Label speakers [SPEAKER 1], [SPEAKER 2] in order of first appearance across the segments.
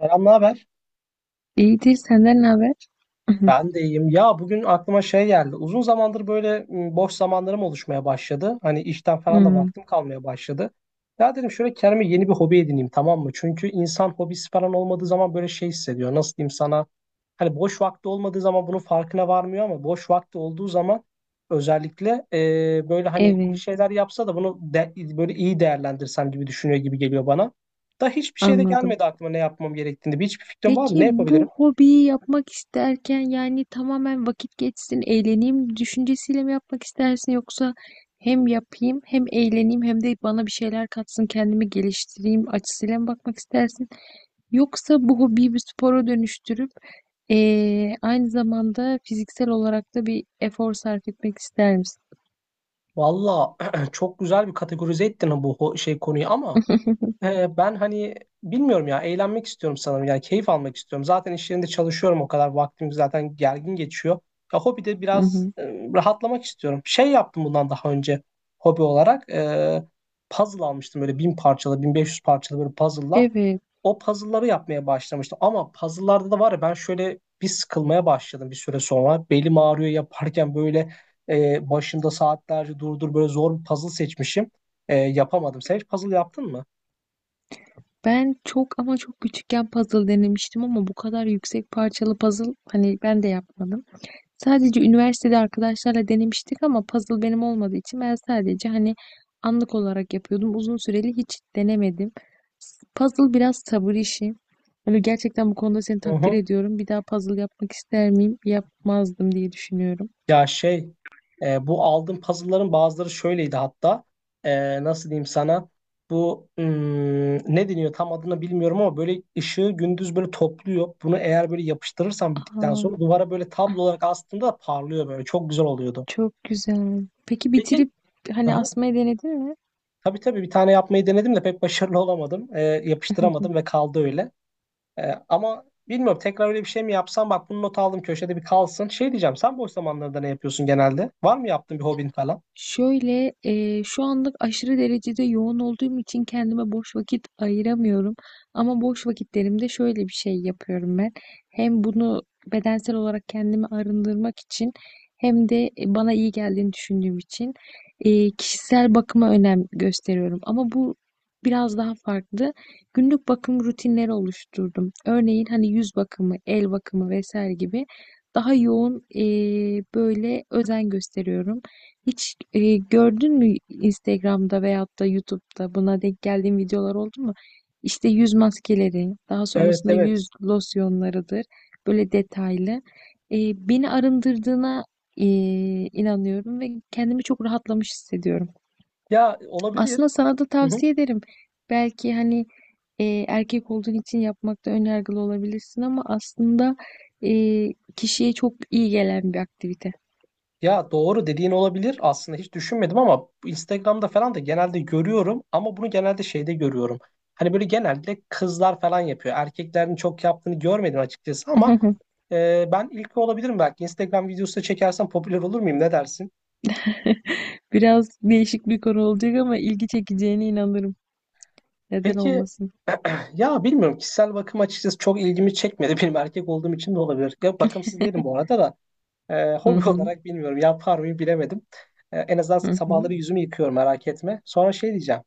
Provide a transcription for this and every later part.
[SPEAKER 1] Selam, ne haber?
[SPEAKER 2] İyidir, senden ne haber?
[SPEAKER 1] Ben de iyiyim. Ya bugün aklıma şey geldi. Uzun zamandır böyle boş zamanlarım oluşmaya başladı. Hani işten falan da
[SPEAKER 2] Hmm,
[SPEAKER 1] vaktim kalmaya başladı. Ya dedim şöyle kendime yeni bir hobi edineyim, tamam mı? Çünkü insan hobisi falan olmadığı zaman böyle şey hissediyor. Nasıl diyeyim sana? Hani boş vakti olmadığı zaman bunun farkına varmıyor ama boş vakti olduğu zaman özellikle böyle hani bir
[SPEAKER 2] evet,
[SPEAKER 1] şeyler yapsa da böyle iyi değerlendirsem gibi düşünüyor gibi geliyor bana. Da hiçbir şey de
[SPEAKER 2] anladım.
[SPEAKER 1] gelmedi aklıma ne yapmam gerektiğini. Hiçbir fikrim var mı?
[SPEAKER 2] Peki
[SPEAKER 1] Ne
[SPEAKER 2] bu
[SPEAKER 1] yapabilirim?
[SPEAKER 2] hobiyi yapmak isterken yani tamamen vakit geçsin, eğleneyim düşüncesiyle mi yapmak istersin yoksa hem yapayım hem eğleneyim hem de bana bir şeyler katsın, kendimi geliştireyim açısıyla mı bakmak istersin? Yoksa bu hobiyi bir spora dönüştürüp aynı zamanda fiziksel olarak da bir efor sarf etmek ister misin?
[SPEAKER 1] Valla çok güzel bir kategorize ettin bu şey konuyu, ama ben hani bilmiyorum ya, eğlenmek istiyorum sanırım, yani keyif almak istiyorum. Zaten iş yerinde çalışıyorum, o kadar vaktim zaten gergin geçiyor. Ya hobi de
[SPEAKER 2] Hı
[SPEAKER 1] biraz
[SPEAKER 2] hı.
[SPEAKER 1] rahatlamak istiyorum. Şey yaptım bundan daha önce hobi olarak, puzzle almıştım, böyle 1.000 parçalı, 1.500 parçalı böyle puzzle'lar.
[SPEAKER 2] Evet.
[SPEAKER 1] O puzzle'ları yapmaya başlamıştım. Ama puzzle'larda da var ya, ben şöyle bir sıkılmaya başladım bir süre sonra. Belim ağrıyor yaparken, böyle başında saatlerce durdur, böyle zor bir puzzle seçmişim. Yapamadım. Sen hiç puzzle yaptın mı?
[SPEAKER 2] Ben çok ama çok küçükken puzzle denemiştim ama bu kadar yüksek parçalı puzzle hani ben de yapmadım. Sadece üniversitede arkadaşlarla denemiştik ama puzzle benim olmadığı için ben sadece hani anlık olarak yapıyordum. Uzun süreli hiç denemedim. Puzzle biraz sabır işi. Hani gerçekten bu konuda seni
[SPEAKER 1] Hı
[SPEAKER 2] takdir
[SPEAKER 1] hı.
[SPEAKER 2] ediyorum. Bir daha puzzle yapmak ister miyim? Yapmazdım diye düşünüyorum.
[SPEAKER 1] Ya şey, bu aldığım puzzle'ların bazıları şöyleydi hatta. Nasıl diyeyim sana, bu ne deniyor, tam adını bilmiyorum ama böyle ışığı gündüz böyle topluyor. Bunu eğer böyle yapıştırırsan, bittikten
[SPEAKER 2] Aa,
[SPEAKER 1] sonra duvara böyle tablo olarak, aslında parlıyor, böyle çok güzel oluyordu.
[SPEAKER 2] çok güzel. Peki
[SPEAKER 1] Peki.
[SPEAKER 2] bitirip hani
[SPEAKER 1] Aha.
[SPEAKER 2] asmayı denedin mi?
[SPEAKER 1] Tabii tabii, bir tane yapmayı denedim de pek başarılı olamadım. Yapıştıramadım ve kaldı öyle. Ama bilmiyorum, tekrar öyle bir şey mi yapsam, bak bunu not aldım, köşede bir kalsın. Şey diyeceğim, sen boş zamanlarında ne yapıyorsun genelde? Var mı yaptığın bir hobin falan?
[SPEAKER 2] Şöyle, şu anlık aşırı derecede yoğun olduğum için kendime boş vakit ayıramıyorum. Ama boş vakitlerimde şöyle bir şey yapıyorum ben. Hem bunu bedensel olarak kendimi arındırmak için hem de bana iyi geldiğini düşündüğüm için kişisel bakıma önem gösteriyorum. Ama bu biraz daha farklı. Günlük bakım rutinleri oluşturdum. Örneğin hani yüz bakımı, el bakımı vesaire gibi daha yoğun böyle özen gösteriyorum. Hiç gördün mü Instagram'da veyahut da YouTube'da buna denk geldiğin videolar oldu mu? İşte yüz maskeleri, daha
[SPEAKER 1] Evet
[SPEAKER 2] sonrasında
[SPEAKER 1] evet.
[SPEAKER 2] yüz losyonlarıdır. Böyle detaylı. Beni arındırdığına e, inanıyorum ve kendimi çok rahatlamış hissediyorum.
[SPEAKER 1] Ya olabilir.
[SPEAKER 2] Aslında sana da
[SPEAKER 1] Hı hı.
[SPEAKER 2] tavsiye ederim. Belki hani erkek olduğun için yapmakta ön yargılı olabilirsin ama aslında e, kişiye çok iyi gelen bir aktivite.
[SPEAKER 1] Ya doğru dediğin, olabilir. Aslında hiç düşünmedim, ama bu Instagram'da falan da genelde görüyorum, ama bunu genelde şeyde görüyorum. Hani böyle genelde kızlar falan yapıyor. Erkeklerin çok yaptığını görmedim açıkçası, ama Ben ilki olabilirim belki. Instagram videosu da çekersem popüler olur muyum? Ne dersin?
[SPEAKER 2] Biraz değişik bir konu olacak ama ilgi çekeceğine inanırım. Neden
[SPEAKER 1] Peki,
[SPEAKER 2] olmasın?
[SPEAKER 1] ya bilmiyorum, kişisel bakım açıkçası çok ilgimi çekmedi. Benim erkek olduğum için de olabilir. Ya bakımsız değilim bu arada da.
[SPEAKER 2] Hı
[SPEAKER 1] Hobi
[SPEAKER 2] hı,
[SPEAKER 1] olarak bilmiyorum, yapar mıyım bilemedim. En azından
[SPEAKER 2] hı hı.
[SPEAKER 1] sabahları yüzümü yıkıyorum, merak etme. Sonra şey diyeceğim.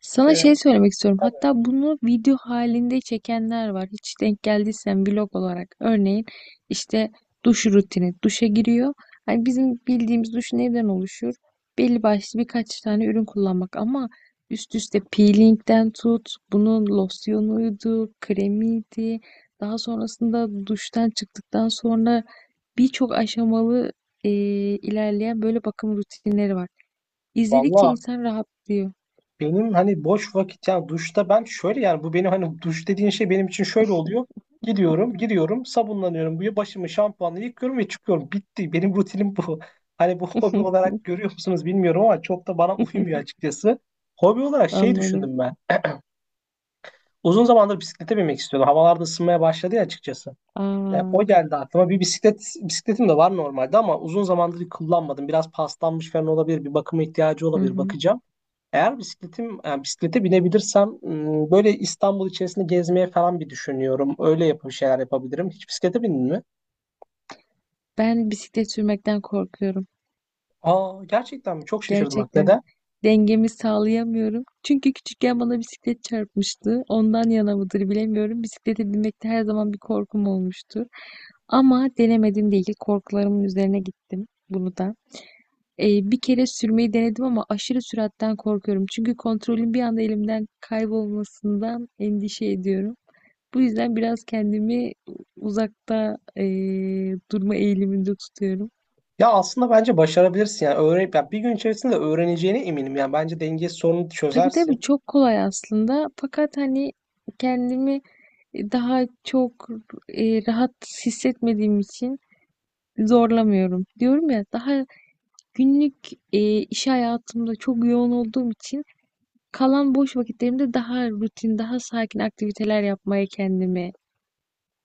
[SPEAKER 2] Sana şey
[SPEAKER 1] Ee,
[SPEAKER 2] söylemek istiyorum.
[SPEAKER 1] tabii,
[SPEAKER 2] Hatta bunu video halinde çekenler var. Hiç denk geldiysen vlog olarak. Örneğin işte duş rutini. Duşa giriyor. Hani bizim bildiğimiz duş neden oluşur? Belli başlı birkaç tane ürün kullanmak ama üst üste peelingden tut, bunun losyonuydu, kremiydi. Daha sonrasında duştan çıktıktan sonra birçok aşamalı e, ilerleyen böyle bakım rutinleri var. İzledikçe
[SPEAKER 1] vallahi
[SPEAKER 2] insan rahatlıyor.
[SPEAKER 1] benim hani boş vakit, ya duşta ben şöyle, yani bu benim hani duş dediğin şey benim için şöyle oluyor. Gidiyorum, giriyorum, sabunlanıyorum. Bu başımı şampuanla yıkıyorum ve çıkıyorum. Bitti. Benim rutinim bu. Hani bu hobi olarak görüyor musunuz bilmiyorum ama çok da bana uymuyor açıkçası. Hobi olarak şey
[SPEAKER 2] Anladım.
[SPEAKER 1] düşündüm ben. Uzun zamandır bisiklete binmek istiyordum. Havalarda ısınmaya başladı ya, açıkçası.
[SPEAKER 2] Aa,
[SPEAKER 1] O geldi aklıma. Bir bisikletim de var normalde ama uzun zamandır kullanmadım. Biraz paslanmış falan olabilir. Bir bakıma ihtiyacı
[SPEAKER 2] hı
[SPEAKER 1] olabilir.
[SPEAKER 2] hı.
[SPEAKER 1] Bakacağım. Eğer bisikletim, yani bisiklete binebilirsem, böyle İstanbul içerisinde gezmeye falan bir düşünüyorum. Öyle yapıp bir şeyler yapabilirim. Hiç bisiklete bindin mi?
[SPEAKER 2] Ben bisiklet sürmekten korkuyorum.
[SPEAKER 1] Aa, gerçekten mi? Çok şaşırdım bak.
[SPEAKER 2] Gerçekten.
[SPEAKER 1] Neden?
[SPEAKER 2] Dengemi sağlayamıyorum. Çünkü küçükken bana bisiklet çarpmıştı. Ondan yana mıdır bilemiyorum. Bisiklete binmekte her zaman bir korkum olmuştur. Ama denemedim değil. Korkularımın üzerine gittim bunu da. Bir kere sürmeyi denedim ama aşırı süratten korkuyorum. Çünkü kontrolün bir anda elimden kaybolmasından endişe ediyorum. Bu yüzden biraz kendimi uzakta durma eğiliminde tutuyorum.
[SPEAKER 1] Ya aslında bence başarabilirsin, yani öğrenip, ya bir gün içerisinde öğreneceğine eminim. Yani bence denge sorunu
[SPEAKER 2] Tabii tabii
[SPEAKER 1] çözersin.
[SPEAKER 2] çok kolay aslında. Fakat hani kendimi daha çok rahat hissetmediğim için zorlamıyorum. Diyorum ya daha günlük iş hayatımda çok yoğun olduğum için kalan boş vakitlerimde daha rutin, daha sakin aktiviteler yapmaya kendimi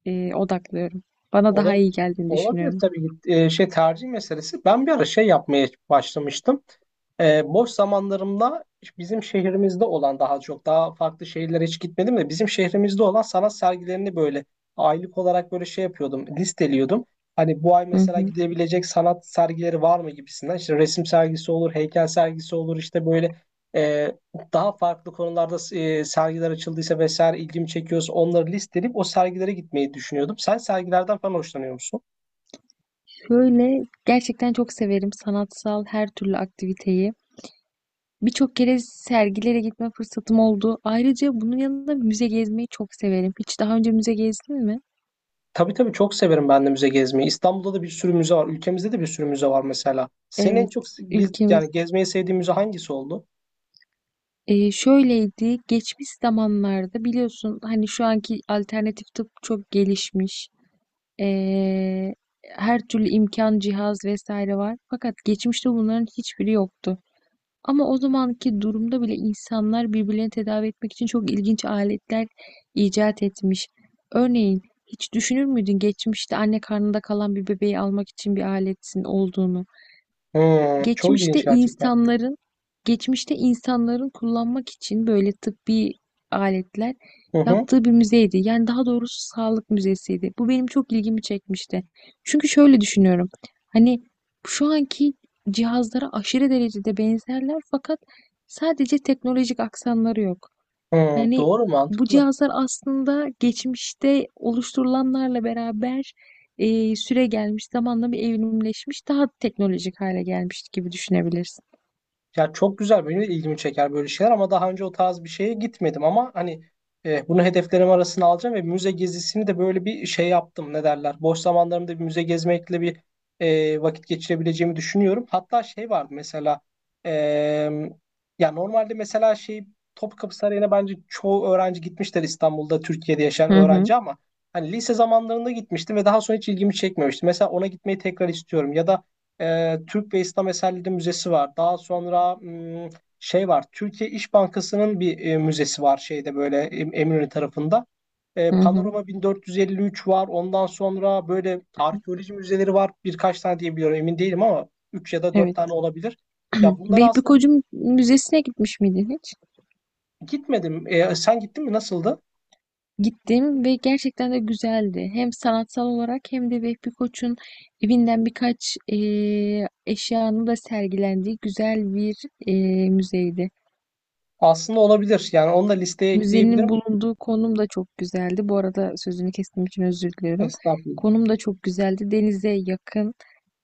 [SPEAKER 2] odaklıyorum. Bana daha
[SPEAKER 1] Ola-
[SPEAKER 2] iyi geldiğini
[SPEAKER 1] Olabilir
[SPEAKER 2] düşünüyorum.
[SPEAKER 1] tabii, şey, tercih meselesi. Ben bir ara şey yapmaya başlamıştım. Boş zamanlarımda bizim şehrimizde olan, daha çok daha farklı şehirlere hiç gitmedim de, bizim şehrimizde olan sanat sergilerini böyle aylık olarak böyle şey yapıyordum, listeliyordum. Hani bu ay
[SPEAKER 2] Hı
[SPEAKER 1] mesela
[SPEAKER 2] hı.
[SPEAKER 1] gidebilecek sanat sergileri var mı, gibisinden. İşte resim sergisi olur, heykel sergisi olur, işte böyle e, daha farklı konularda sergiler açıldıysa vesaire, ilgimi çekiyorsa, onları listeleyip o sergilere gitmeyi düşünüyordum. Sen sergilerden falan hoşlanıyor musun?
[SPEAKER 2] Şöyle gerçekten çok severim sanatsal her türlü aktiviteyi. Birçok kere sergilere gitme fırsatım oldu. Ayrıca bunun yanında müze gezmeyi çok severim. Hiç daha önce müze gezdin mi?
[SPEAKER 1] Tabii tabii, çok severim ben de müze gezmeyi. İstanbul'da da bir sürü müze var. Ülkemizde de bir sürü müze var mesela. Senin en çok
[SPEAKER 2] Evet, ülkemiz.
[SPEAKER 1] gezmeyi sevdiğin müze hangisi oldu?
[SPEAKER 2] Şöyleydi, geçmiş zamanlarda biliyorsun hani şu anki alternatif tıp çok gelişmiş. Eee, Her türlü imkan, cihaz vesaire var. Fakat geçmişte bunların hiçbiri yoktu. Ama o zamanki durumda bile insanlar birbirlerini tedavi etmek için çok ilginç aletler icat etmiş. Örneğin hiç düşünür müydün geçmişte anne karnında kalan bir bebeği almak için bir aletin olduğunu?
[SPEAKER 1] Hmm, çok
[SPEAKER 2] geçmişte
[SPEAKER 1] ilginç gerçekten.
[SPEAKER 2] insanların geçmişte insanların kullanmak için böyle tıbbi aletler
[SPEAKER 1] Hı hı.
[SPEAKER 2] yaptığı bir müzeydi. Yani daha doğrusu sağlık müzesiydi. Bu benim çok ilgimi çekmişti. Çünkü şöyle düşünüyorum. Hani şu anki cihazlara aşırı derecede benzerler fakat sadece teknolojik aksanları yok.
[SPEAKER 1] Hı,
[SPEAKER 2] Hani
[SPEAKER 1] doğru,
[SPEAKER 2] bu
[SPEAKER 1] mantıklı.
[SPEAKER 2] cihazlar aslında geçmişte oluşturulanlarla beraber süre gelmiş, zamanla bir evrimleşmiş, daha teknolojik hale gelmiş gibi düşünebilirsin.
[SPEAKER 1] Ya çok güzel, benim de ilgimi çeker böyle şeyler ama daha önce o tarz bir şeye gitmedim, ama hani bunu hedeflerim arasına alacağım ve müze gezisini de böyle bir şey yaptım, ne derler. Boş zamanlarımda bir müze gezmekle bir vakit geçirebileceğimi düşünüyorum. Hatta şey vardı mesela, e, ya normalde mesela şey, Topkapı Sarayı'na bence çoğu öğrenci gitmişler, İstanbul'da Türkiye'de yaşayan
[SPEAKER 2] Hı hı,
[SPEAKER 1] öğrenci, ama hani lise zamanlarında gitmiştim ve daha sonra hiç ilgimi çekmemişti. Mesela ona gitmeyi tekrar istiyorum, ya da Türk ve İslam Eserleri Müzesi var. Daha sonra şey var. Türkiye İş Bankası'nın bir müzesi var şeyde, böyle Eminönü tarafında.
[SPEAKER 2] hı hı,
[SPEAKER 1] Panorama 1453 var. Ondan sonra böyle arkeoloji müzeleri var. Birkaç tane diyebiliyorum, emin değilim ama 3 ya da 4
[SPEAKER 2] evet.
[SPEAKER 1] tane olabilir. Ya bunlara
[SPEAKER 2] Vehbi
[SPEAKER 1] aslında bir
[SPEAKER 2] Koç'un müzesine gitmiş miydin hiç?
[SPEAKER 1] gitmedim. Sen gittin mi? Nasıldı?
[SPEAKER 2] Gittim ve gerçekten de güzeldi. Hem sanatsal olarak hem de Vehbi Koç'un evinden birkaç eşyanın da sergilendiği güzel bir müzeydi.
[SPEAKER 1] Aslında olabilir, yani onu da listeye ekleyebilirim.
[SPEAKER 2] Müzenin bulunduğu konum da çok güzeldi. Bu arada sözünü kestiğim için özür diliyorum.
[SPEAKER 1] Estağfurullah.
[SPEAKER 2] Konum da çok güzeldi. Denize yakın,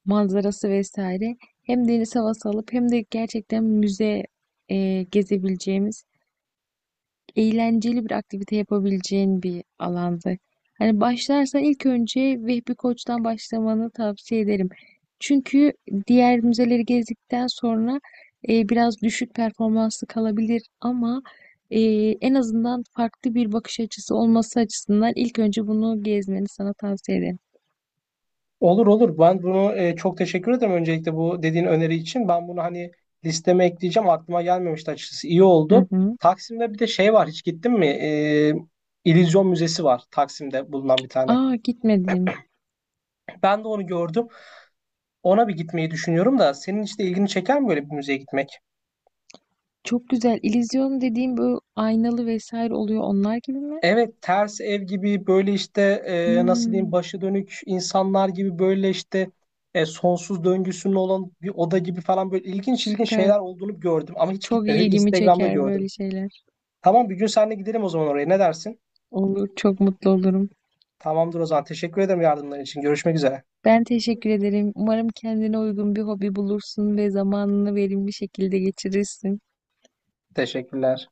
[SPEAKER 2] manzarası vesaire. Hem deniz havası alıp hem de gerçekten müze gezebileceğimiz eğlenceli bir aktivite yapabileceğin bir alanda. Hani başlarsan ilk önce Vehbi Koç'tan başlamanı tavsiye ederim. Çünkü diğer müzeleri gezdikten sonra biraz düşük performanslı kalabilir ama e, en azından farklı bir bakış açısı olması açısından ilk önce bunu gezmeni sana tavsiye ederim.
[SPEAKER 1] Olur olur. Ben bunu, çok teşekkür ederim öncelikle bu dediğin öneri için. Ben bunu hani listeme ekleyeceğim. Aklıma gelmemişti açıkçası. İyi
[SPEAKER 2] Hı
[SPEAKER 1] oldu.
[SPEAKER 2] hı.
[SPEAKER 1] Taksim'de bir de şey var. Hiç gittin mi? İllüzyon Müzesi var. Taksim'de bulunan bir tane.
[SPEAKER 2] Aa, gitmedim.
[SPEAKER 1] Ben de onu gördüm. Ona bir gitmeyi düşünüyorum da, senin işte ilgini çeker mi böyle bir müzeye gitmek?
[SPEAKER 2] Çok güzel. İllüzyon dediğim bu aynalı vesaire oluyor onlar gibi mi?
[SPEAKER 1] Evet, ters ev gibi böyle işte, nasıl diyeyim,
[SPEAKER 2] Hmm,
[SPEAKER 1] başı dönük insanlar gibi, böyle işte sonsuz döngüsünün olan bir oda gibi falan, böyle ilginç ilginç
[SPEAKER 2] süper.
[SPEAKER 1] şeyler olduğunu gördüm ama hiç
[SPEAKER 2] Çok
[SPEAKER 1] gitmedim.
[SPEAKER 2] ilgimi
[SPEAKER 1] Instagram'da
[SPEAKER 2] çeker
[SPEAKER 1] gördüm.
[SPEAKER 2] böyle şeyler.
[SPEAKER 1] Tamam, bir gün seninle gidelim o zaman oraya. Ne dersin?
[SPEAKER 2] Olur, çok mutlu olurum.
[SPEAKER 1] Tamamdır o zaman. Teşekkür ederim yardımların için. Görüşmek üzere.
[SPEAKER 2] Ben teşekkür ederim. Umarım kendine uygun bir hobi bulursun ve zamanını verimli şekilde geçirirsin.
[SPEAKER 1] Teşekkürler.